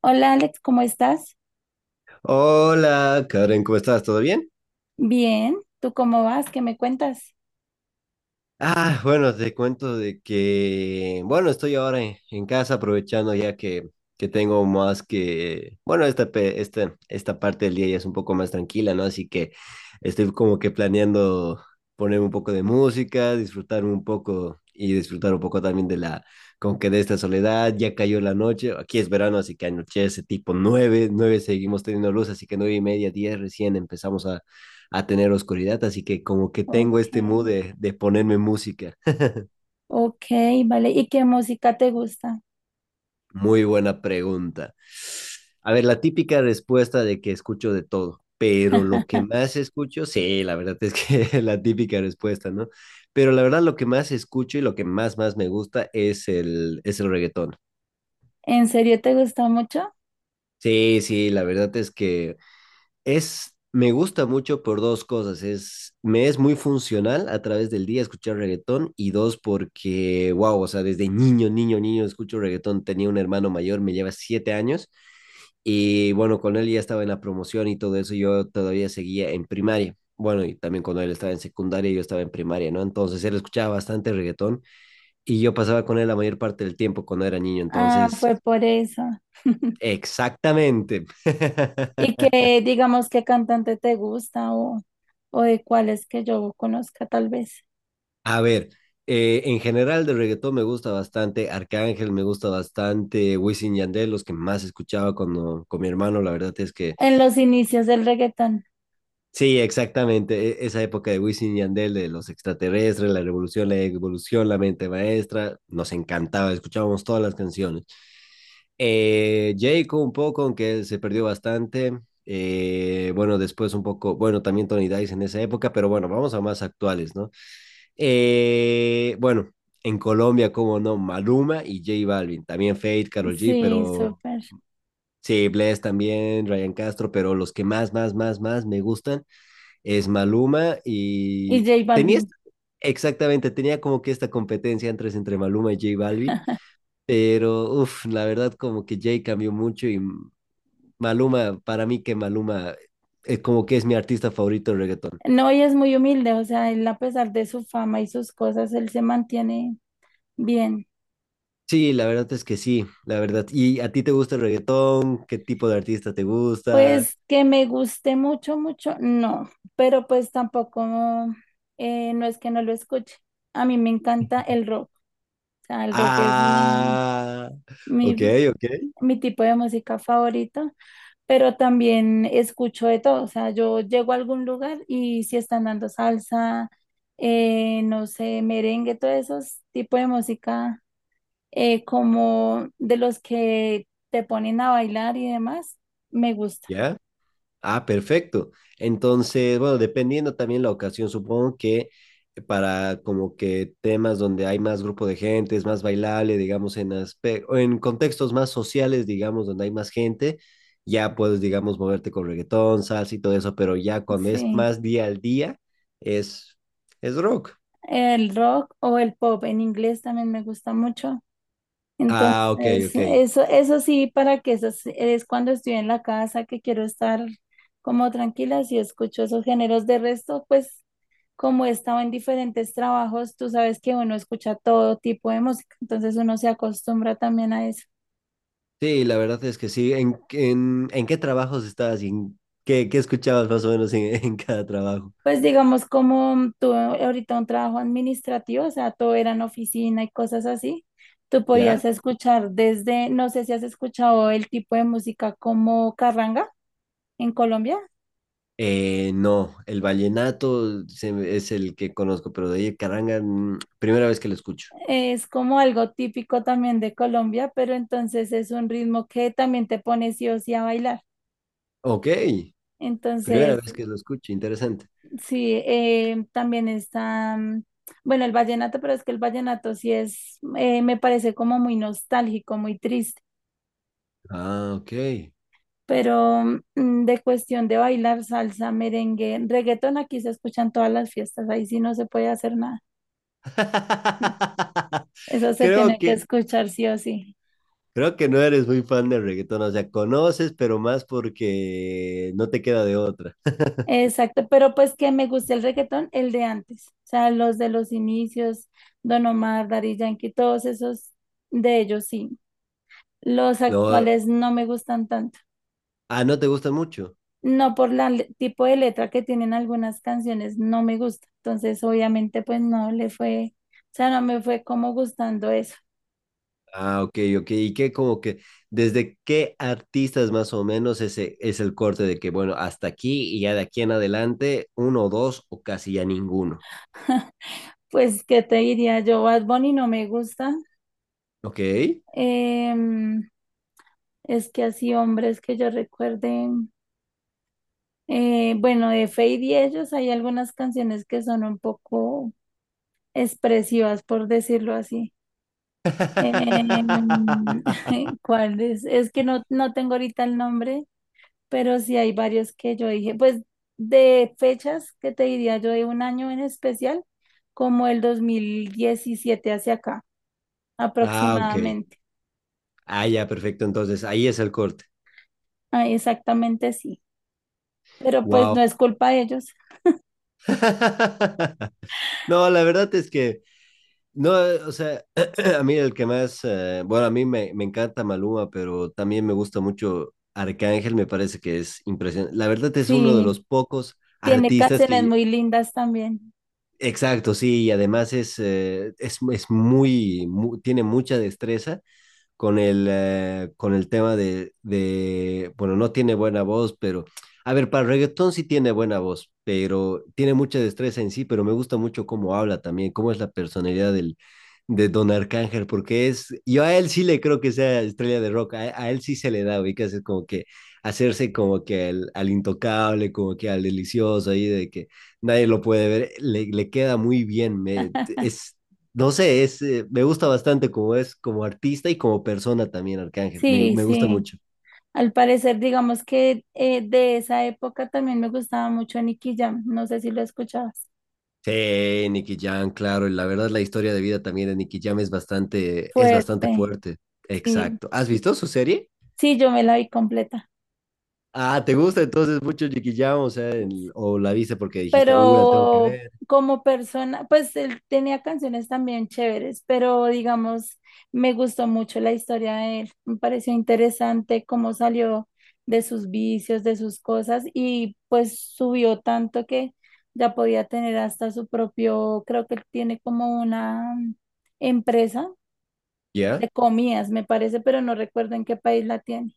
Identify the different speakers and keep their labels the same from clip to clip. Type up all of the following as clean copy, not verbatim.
Speaker 1: Hola Alex, ¿cómo estás?
Speaker 2: Hola, Karen, ¿cómo estás? ¿Todo bien?
Speaker 1: Bien, ¿tú cómo vas? ¿Qué me cuentas?
Speaker 2: Ah, bueno, te cuento de que, bueno, estoy ahora en casa aprovechando ya que tengo más que, bueno, esta parte del día ya es un poco más tranquila, ¿no? Así que estoy como que planeando poner un poco de música, disfrutar un poco y disfrutar un poco también como que de esta soledad. Ya cayó la noche, aquí es verano, así que anochece tipo 9, 9 seguimos teniendo luz, así que 9:30, 10 recién empezamos a tener oscuridad. Así que como que tengo
Speaker 1: Ok,
Speaker 2: este mood de ponerme música.
Speaker 1: ok, vale. ¿Y qué música te gusta?
Speaker 2: Muy buena pregunta. A ver, la típica respuesta de que escucho de todo, pero lo que más escucho, sí, la verdad es que la típica respuesta, ¿no? Pero la verdad lo que más escucho y lo que más, más me gusta es el reggaetón.
Speaker 1: ¿En serio te gusta mucho?
Speaker 2: Sí, sí, la verdad es que, me gusta mucho por dos cosas. Me es muy funcional a través del día escuchar reggaetón y dos, porque, wow, o sea, desde niño, niño, niño escucho reggaetón. Tenía un hermano mayor, me lleva 7 años y bueno, con él ya estaba en la promoción y todo eso. Yo todavía seguía en primaria. Bueno, y también cuando él estaba en secundaria, yo estaba en primaria, ¿no? Entonces él escuchaba bastante reggaetón y yo pasaba con él la mayor parte del tiempo cuando era niño.
Speaker 1: Ah,
Speaker 2: Entonces,
Speaker 1: fue por eso.
Speaker 2: exactamente.
Speaker 1: ¿Y qué, digamos, qué cantante te gusta o de cuáles que yo conozca tal vez?
Speaker 2: A ver, en general de reggaetón me gusta bastante Arcángel, me gusta bastante Wisin y Yandel, los que más escuchaba cuando, con mi hermano, la verdad es que
Speaker 1: En los inicios del reggaetón.
Speaker 2: sí, exactamente, esa época de Wisin y Yandel, de los extraterrestres, la revolución, la evolución, la mente maestra, nos encantaba, escuchábamos todas las canciones. Jayco un poco, aunque se perdió bastante. Bueno, después un poco, bueno, también Tony Dice en esa época, pero bueno, vamos a más actuales, ¿no? Bueno, en Colombia, como no, Maluma y J Balvin, también Fate, Karol G,
Speaker 1: Sí,
Speaker 2: pero
Speaker 1: súper.
Speaker 2: sí, Bless también, Ryan Castro, pero los que más, más, más, más me gustan es Maluma.
Speaker 1: Y
Speaker 2: Y
Speaker 1: J
Speaker 2: tenía,
Speaker 1: Balvin.
Speaker 2: exactamente, tenía como que esta competencia entre Maluma y J Balvin, pero uff, la verdad como que J cambió mucho. Y Maluma, para mí que Maluma es como que es mi artista favorito de reggaetón.
Speaker 1: No, y es muy humilde, o sea, él a pesar de su fama y sus cosas, él se mantiene bien.
Speaker 2: Sí, la verdad es que sí, la verdad. ¿Y a ti te gusta el reggaetón? ¿Qué tipo de artista te gusta?
Speaker 1: Pues que me guste mucho, mucho, no, pero pues tampoco, no es que no lo escuche. A mí me encanta el rock, o sea, el rock es
Speaker 2: Ah, ok,
Speaker 1: mi,
Speaker 2: ok,
Speaker 1: mi tipo de música favorita, pero también escucho de todo, o sea, yo llego a algún lugar y si están dando salsa, no sé, merengue, todos esos tipos de música como de los que te ponen a bailar y demás, me gusta,
Speaker 2: ya. Ah, perfecto. Entonces, bueno, dependiendo también la ocasión, supongo que para como que temas donde hay más grupo de gente, es más bailable, digamos, o en contextos más sociales, digamos, donde hay más gente, ya puedes, digamos, moverte con reggaetón, salsa y todo eso, pero ya cuando es
Speaker 1: sí.
Speaker 2: más día al día, es, es rock.
Speaker 1: El rock o el pop en inglés también me gusta mucho.
Speaker 2: Ah, ok,
Speaker 1: Entonces,
Speaker 2: ok.
Speaker 1: eso sí, para que eso es cuando estoy en la casa que quiero estar como tranquila, si escucho esos géneros. De resto, pues como he estado en diferentes trabajos, tú sabes que uno escucha todo tipo de música, entonces uno se acostumbra también a eso.
Speaker 2: Sí, la verdad es que sí. ¿En qué trabajos estabas y en qué escuchabas más o menos en, en cada trabajo?
Speaker 1: Pues digamos, como tú ahorita, un trabajo administrativo, o sea, todo era en oficina y cosas así, tú
Speaker 2: ¿Ya?
Speaker 1: podías escuchar desde, no sé si has escuchado el tipo de música como carranga en Colombia,
Speaker 2: No, el vallenato es el que conozco, pero de ahí caranga, primera vez que lo escucho.
Speaker 1: es como algo típico también de Colombia, pero entonces es un ritmo que también te pone sí o sí a bailar.
Speaker 2: Ok, primera
Speaker 1: Entonces,
Speaker 2: vez que lo escucho, interesante.
Speaker 1: sí, también está, bueno, el vallenato, pero es que el vallenato sí es, me parece como muy nostálgico, muy triste.
Speaker 2: Ah, ok.
Speaker 1: Pero de cuestión de bailar salsa, merengue, reggaetón, aquí se escuchan todas las fiestas, ahí sí no se puede hacer nada. Eso se
Speaker 2: Creo
Speaker 1: tiene que
Speaker 2: que,
Speaker 1: escuchar sí o sí.
Speaker 2: creo que no eres muy fan del reggaetón, o sea, conoces, pero más porque no te queda de otra.
Speaker 1: Exacto, pero pues que me gusta el reggaetón, el de antes, o sea, los de los inicios, Don Omar, Daddy Yankee, todos esos, de ellos sí. Los
Speaker 2: No,
Speaker 1: actuales no me gustan tanto,
Speaker 2: ah, no te gusta mucho.
Speaker 1: no por el tipo de letra que tienen algunas canciones, no me gusta. Entonces, obviamente, pues no le fue, o sea, no me fue como gustando eso.
Speaker 2: Ah, ok, ok. ¿Y qué? Como que, ¿desde qué artistas más o menos ese es el corte de que, bueno, hasta aquí y ya de aquí en adelante, uno o dos o casi ya ninguno?
Speaker 1: Pues, ¿qué te diría yo? Bad Bunny no me gusta.
Speaker 2: Ok.
Speaker 1: Em, es que así hombres que yo recuerde, bueno, de Feid y ellos hay algunas canciones que son un poco expresivas, por decirlo así. Em, ¿cuál es? Es que no tengo ahorita el nombre, pero sí hay varios que yo dije. Pues de fechas, ¿qué te diría yo? De un año en especial, como el 2017 hacia acá,
Speaker 2: Ah, ok.
Speaker 1: aproximadamente.
Speaker 2: Ah, ya, perfecto. Entonces, ahí es el corte.
Speaker 1: Ah, exactamente sí. Pero pues
Speaker 2: Wow.
Speaker 1: no es culpa de ellos.
Speaker 2: No, la verdad es que no, o sea, a mí el que más, bueno, a mí me encanta Maluma, pero también me gusta mucho Arcángel, me parece que es impresionante. La verdad es uno de
Speaker 1: Sí,
Speaker 2: los pocos
Speaker 1: tiene
Speaker 2: artistas
Speaker 1: canciones
Speaker 2: que,
Speaker 1: muy lindas también.
Speaker 2: exacto, sí, y además es muy, tiene mucha destreza con el tema de, bueno, no tiene buena voz, pero, a ver, para reggaetón sí tiene buena voz, pero tiene mucha destreza en sí, pero me gusta mucho cómo habla también, cómo es la personalidad de Don Arcángel, porque yo a él sí le creo que sea estrella de rock, a él sí se le da, ubicas, es como que hacerse como que al, intocable, como que al delicioso ahí, de que nadie lo puede ver, le queda muy bien, es no sé, me gusta bastante como es, como artista y como persona también, Arcángel. Me,
Speaker 1: Sí,
Speaker 2: me gusta
Speaker 1: sí.
Speaker 2: mucho.
Speaker 1: Al parecer, digamos que, de esa época también me gustaba mucho Nicky Jam. No sé si lo escuchabas.
Speaker 2: Sí, Nicky Jam, claro. Y la verdad, la historia de vida también de Nicky Jam es bastante
Speaker 1: Fuerte.
Speaker 2: fuerte.
Speaker 1: Sí,
Speaker 2: Exacto. ¿Has visto su serie?
Speaker 1: sí, yo me la vi completa.
Speaker 2: Ah, ¿te gusta entonces mucho Nicky Jam? O sea, o la viste porque dijiste, la tengo que
Speaker 1: Pero
Speaker 2: ver.
Speaker 1: como persona, pues él tenía canciones también chéveres, pero digamos, me gustó mucho la historia de él, me pareció interesante cómo salió de sus vicios, de sus cosas y pues subió tanto que ya podía tener hasta su propio, creo que él tiene como una empresa
Speaker 2: ¿Ya?
Speaker 1: de comidas, me parece, pero no recuerdo en qué país la tiene.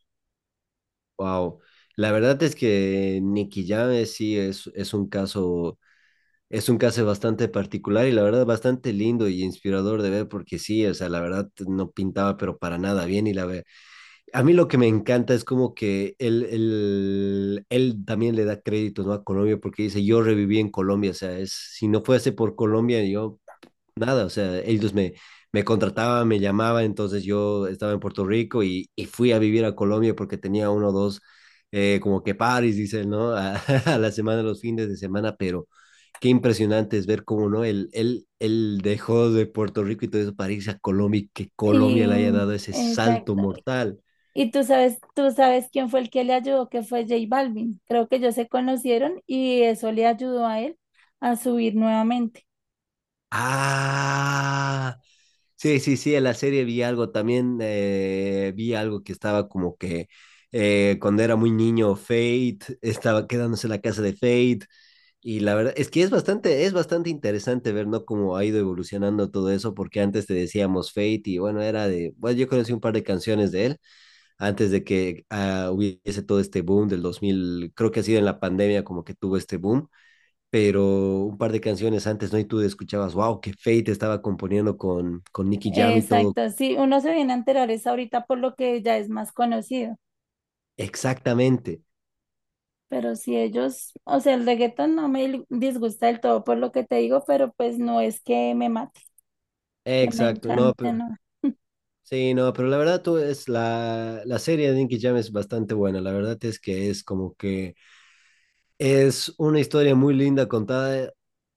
Speaker 2: Wow. La verdad es que Nicky Jam sí es un caso. Es un caso bastante particular y la verdad bastante lindo y inspirador de ver, porque sí, o sea, la verdad no pintaba pero para nada bien y la ve. A mí lo que me encanta es como que él también le da crédito, ¿no? A Colombia, porque dice, yo reviví en Colombia, o sea, si no fuese por Colombia yo nada, o sea, ellos me contrataban, me llamaban, entonces yo estaba en Puerto Rico y fui a vivir a Colombia porque tenía uno o dos, como que paris, dicen, ¿no? A la semana, los fines de semana, pero qué impresionante es ver cómo, ¿no? Él dejó de Puerto Rico y todo eso para irse a Colombia y que Colombia le haya
Speaker 1: Y
Speaker 2: dado ese salto
Speaker 1: exacto.
Speaker 2: mortal.
Speaker 1: Y tú sabes quién fue el que le ayudó, que fue J Balvin. Creo que ellos se conocieron y eso le ayudó a él a subir nuevamente.
Speaker 2: Ah, sí, sí, sí, en la serie vi algo también, vi algo que estaba como que cuando era muy niño, Fate estaba quedándose en la casa de Fate y la verdad es que es bastante interesante ver, ¿no? Cómo ha ido evolucionando todo eso, porque antes te decíamos Fate y bueno, era de, bueno, yo conocí un par de canciones de él antes de que hubiese todo este boom del 2000. Creo que ha sido en la pandemia como que tuvo este boom, pero un par de canciones antes, ¿no? Y tú escuchabas, wow, que Fate estaba componiendo con Nicky Jam y todo.
Speaker 1: Exacto, sí, uno se viene a enterar es ahorita por lo que ya es más conocido,
Speaker 2: Exactamente,
Speaker 1: pero si ellos, o sea, el reggaetón no me disgusta del todo por lo que te digo, pero pues no es que me mate, que me
Speaker 2: exacto, no,
Speaker 1: encante, no.
Speaker 2: sí, no, pero la verdad tú es la serie de Nicky Jam es bastante buena, la verdad es que es como que es una historia muy linda contada,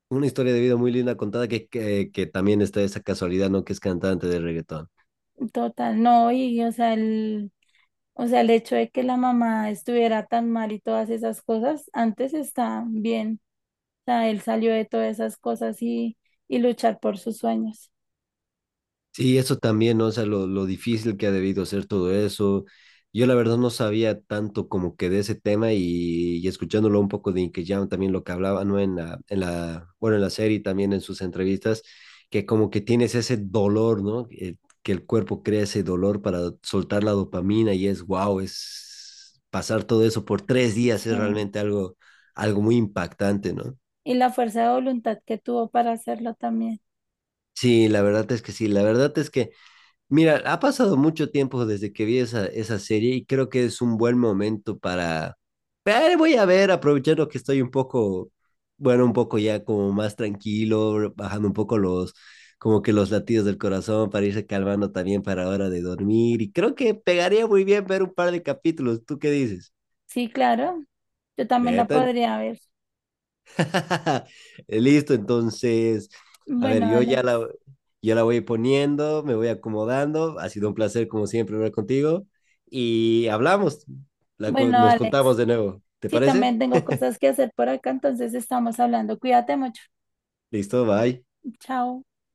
Speaker 2: una historia de vida muy linda contada que, que también está esa casualidad, ¿no? Que es cantante de reggaetón.
Speaker 1: Total, no, y o sea, el hecho de que la mamá estuviera tan mal y todas esas cosas, antes está bien, sea, él salió de todas esas cosas y luchar por sus sueños.
Speaker 2: Sí, eso también, ¿no? O sea, lo difícil que ha debido ser todo eso. Yo la verdad no sabía tanto como que de ese tema y escuchándolo un poco de Inky Jam, también lo que hablaba, ¿no? En la, bueno, en la serie y también en sus entrevistas, que como que tienes ese dolor, ¿no? Que el cuerpo crea ese dolor para soltar la dopamina y es wow, es pasar todo eso por 3 días es
Speaker 1: Sí.
Speaker 2: realmente algo, muy impactante, ¿no?
Speaker 1: Y la fuerza de voluntad que tuvo para hacerlo también.
Speaker 2: Sí, la verdad es que sí, la verdad es que Mira, ha pasado mucho tiempo desde que vi esa serie y creo que es un buen momento para. Voy a ver, aprovechando que estoy un poco, bueno, un poco ya como más tranquilo, bajando un poco como que los latidos del corazón para irse calmando también para hora de dormir. Y creo que pegaría muy bien ver un par de capítulos. ¿Tú qué dices?
Speaker 1: Sí, claro, yo también la
Speaker 2: Metan
Speaker 1: podría ver.
Speaker 2: Listo, entonces, a ver,
Speaker 1: Bueno,
Speaker 2: yo
Speaker 1: Alex.
Speaker 2: ya la, yo la voy poniendo, me voy acomodando. Ha sido un placer, como siempre, hablar contigo. Y hablamos,
Speaker 1: Bueno,
Speaker 2: nos
Speaker 1: Alex.
Speaker 2: contamos de nuevo. ¿Te
Speaker 1: Sí,
Speaker 2: parece?
Speaker 1: también tengo cosas que hacer por acá, entonces estamos hablando. Cuídate mucho.
Speaker 2: Listo, bye.
Speaker 1: Chao.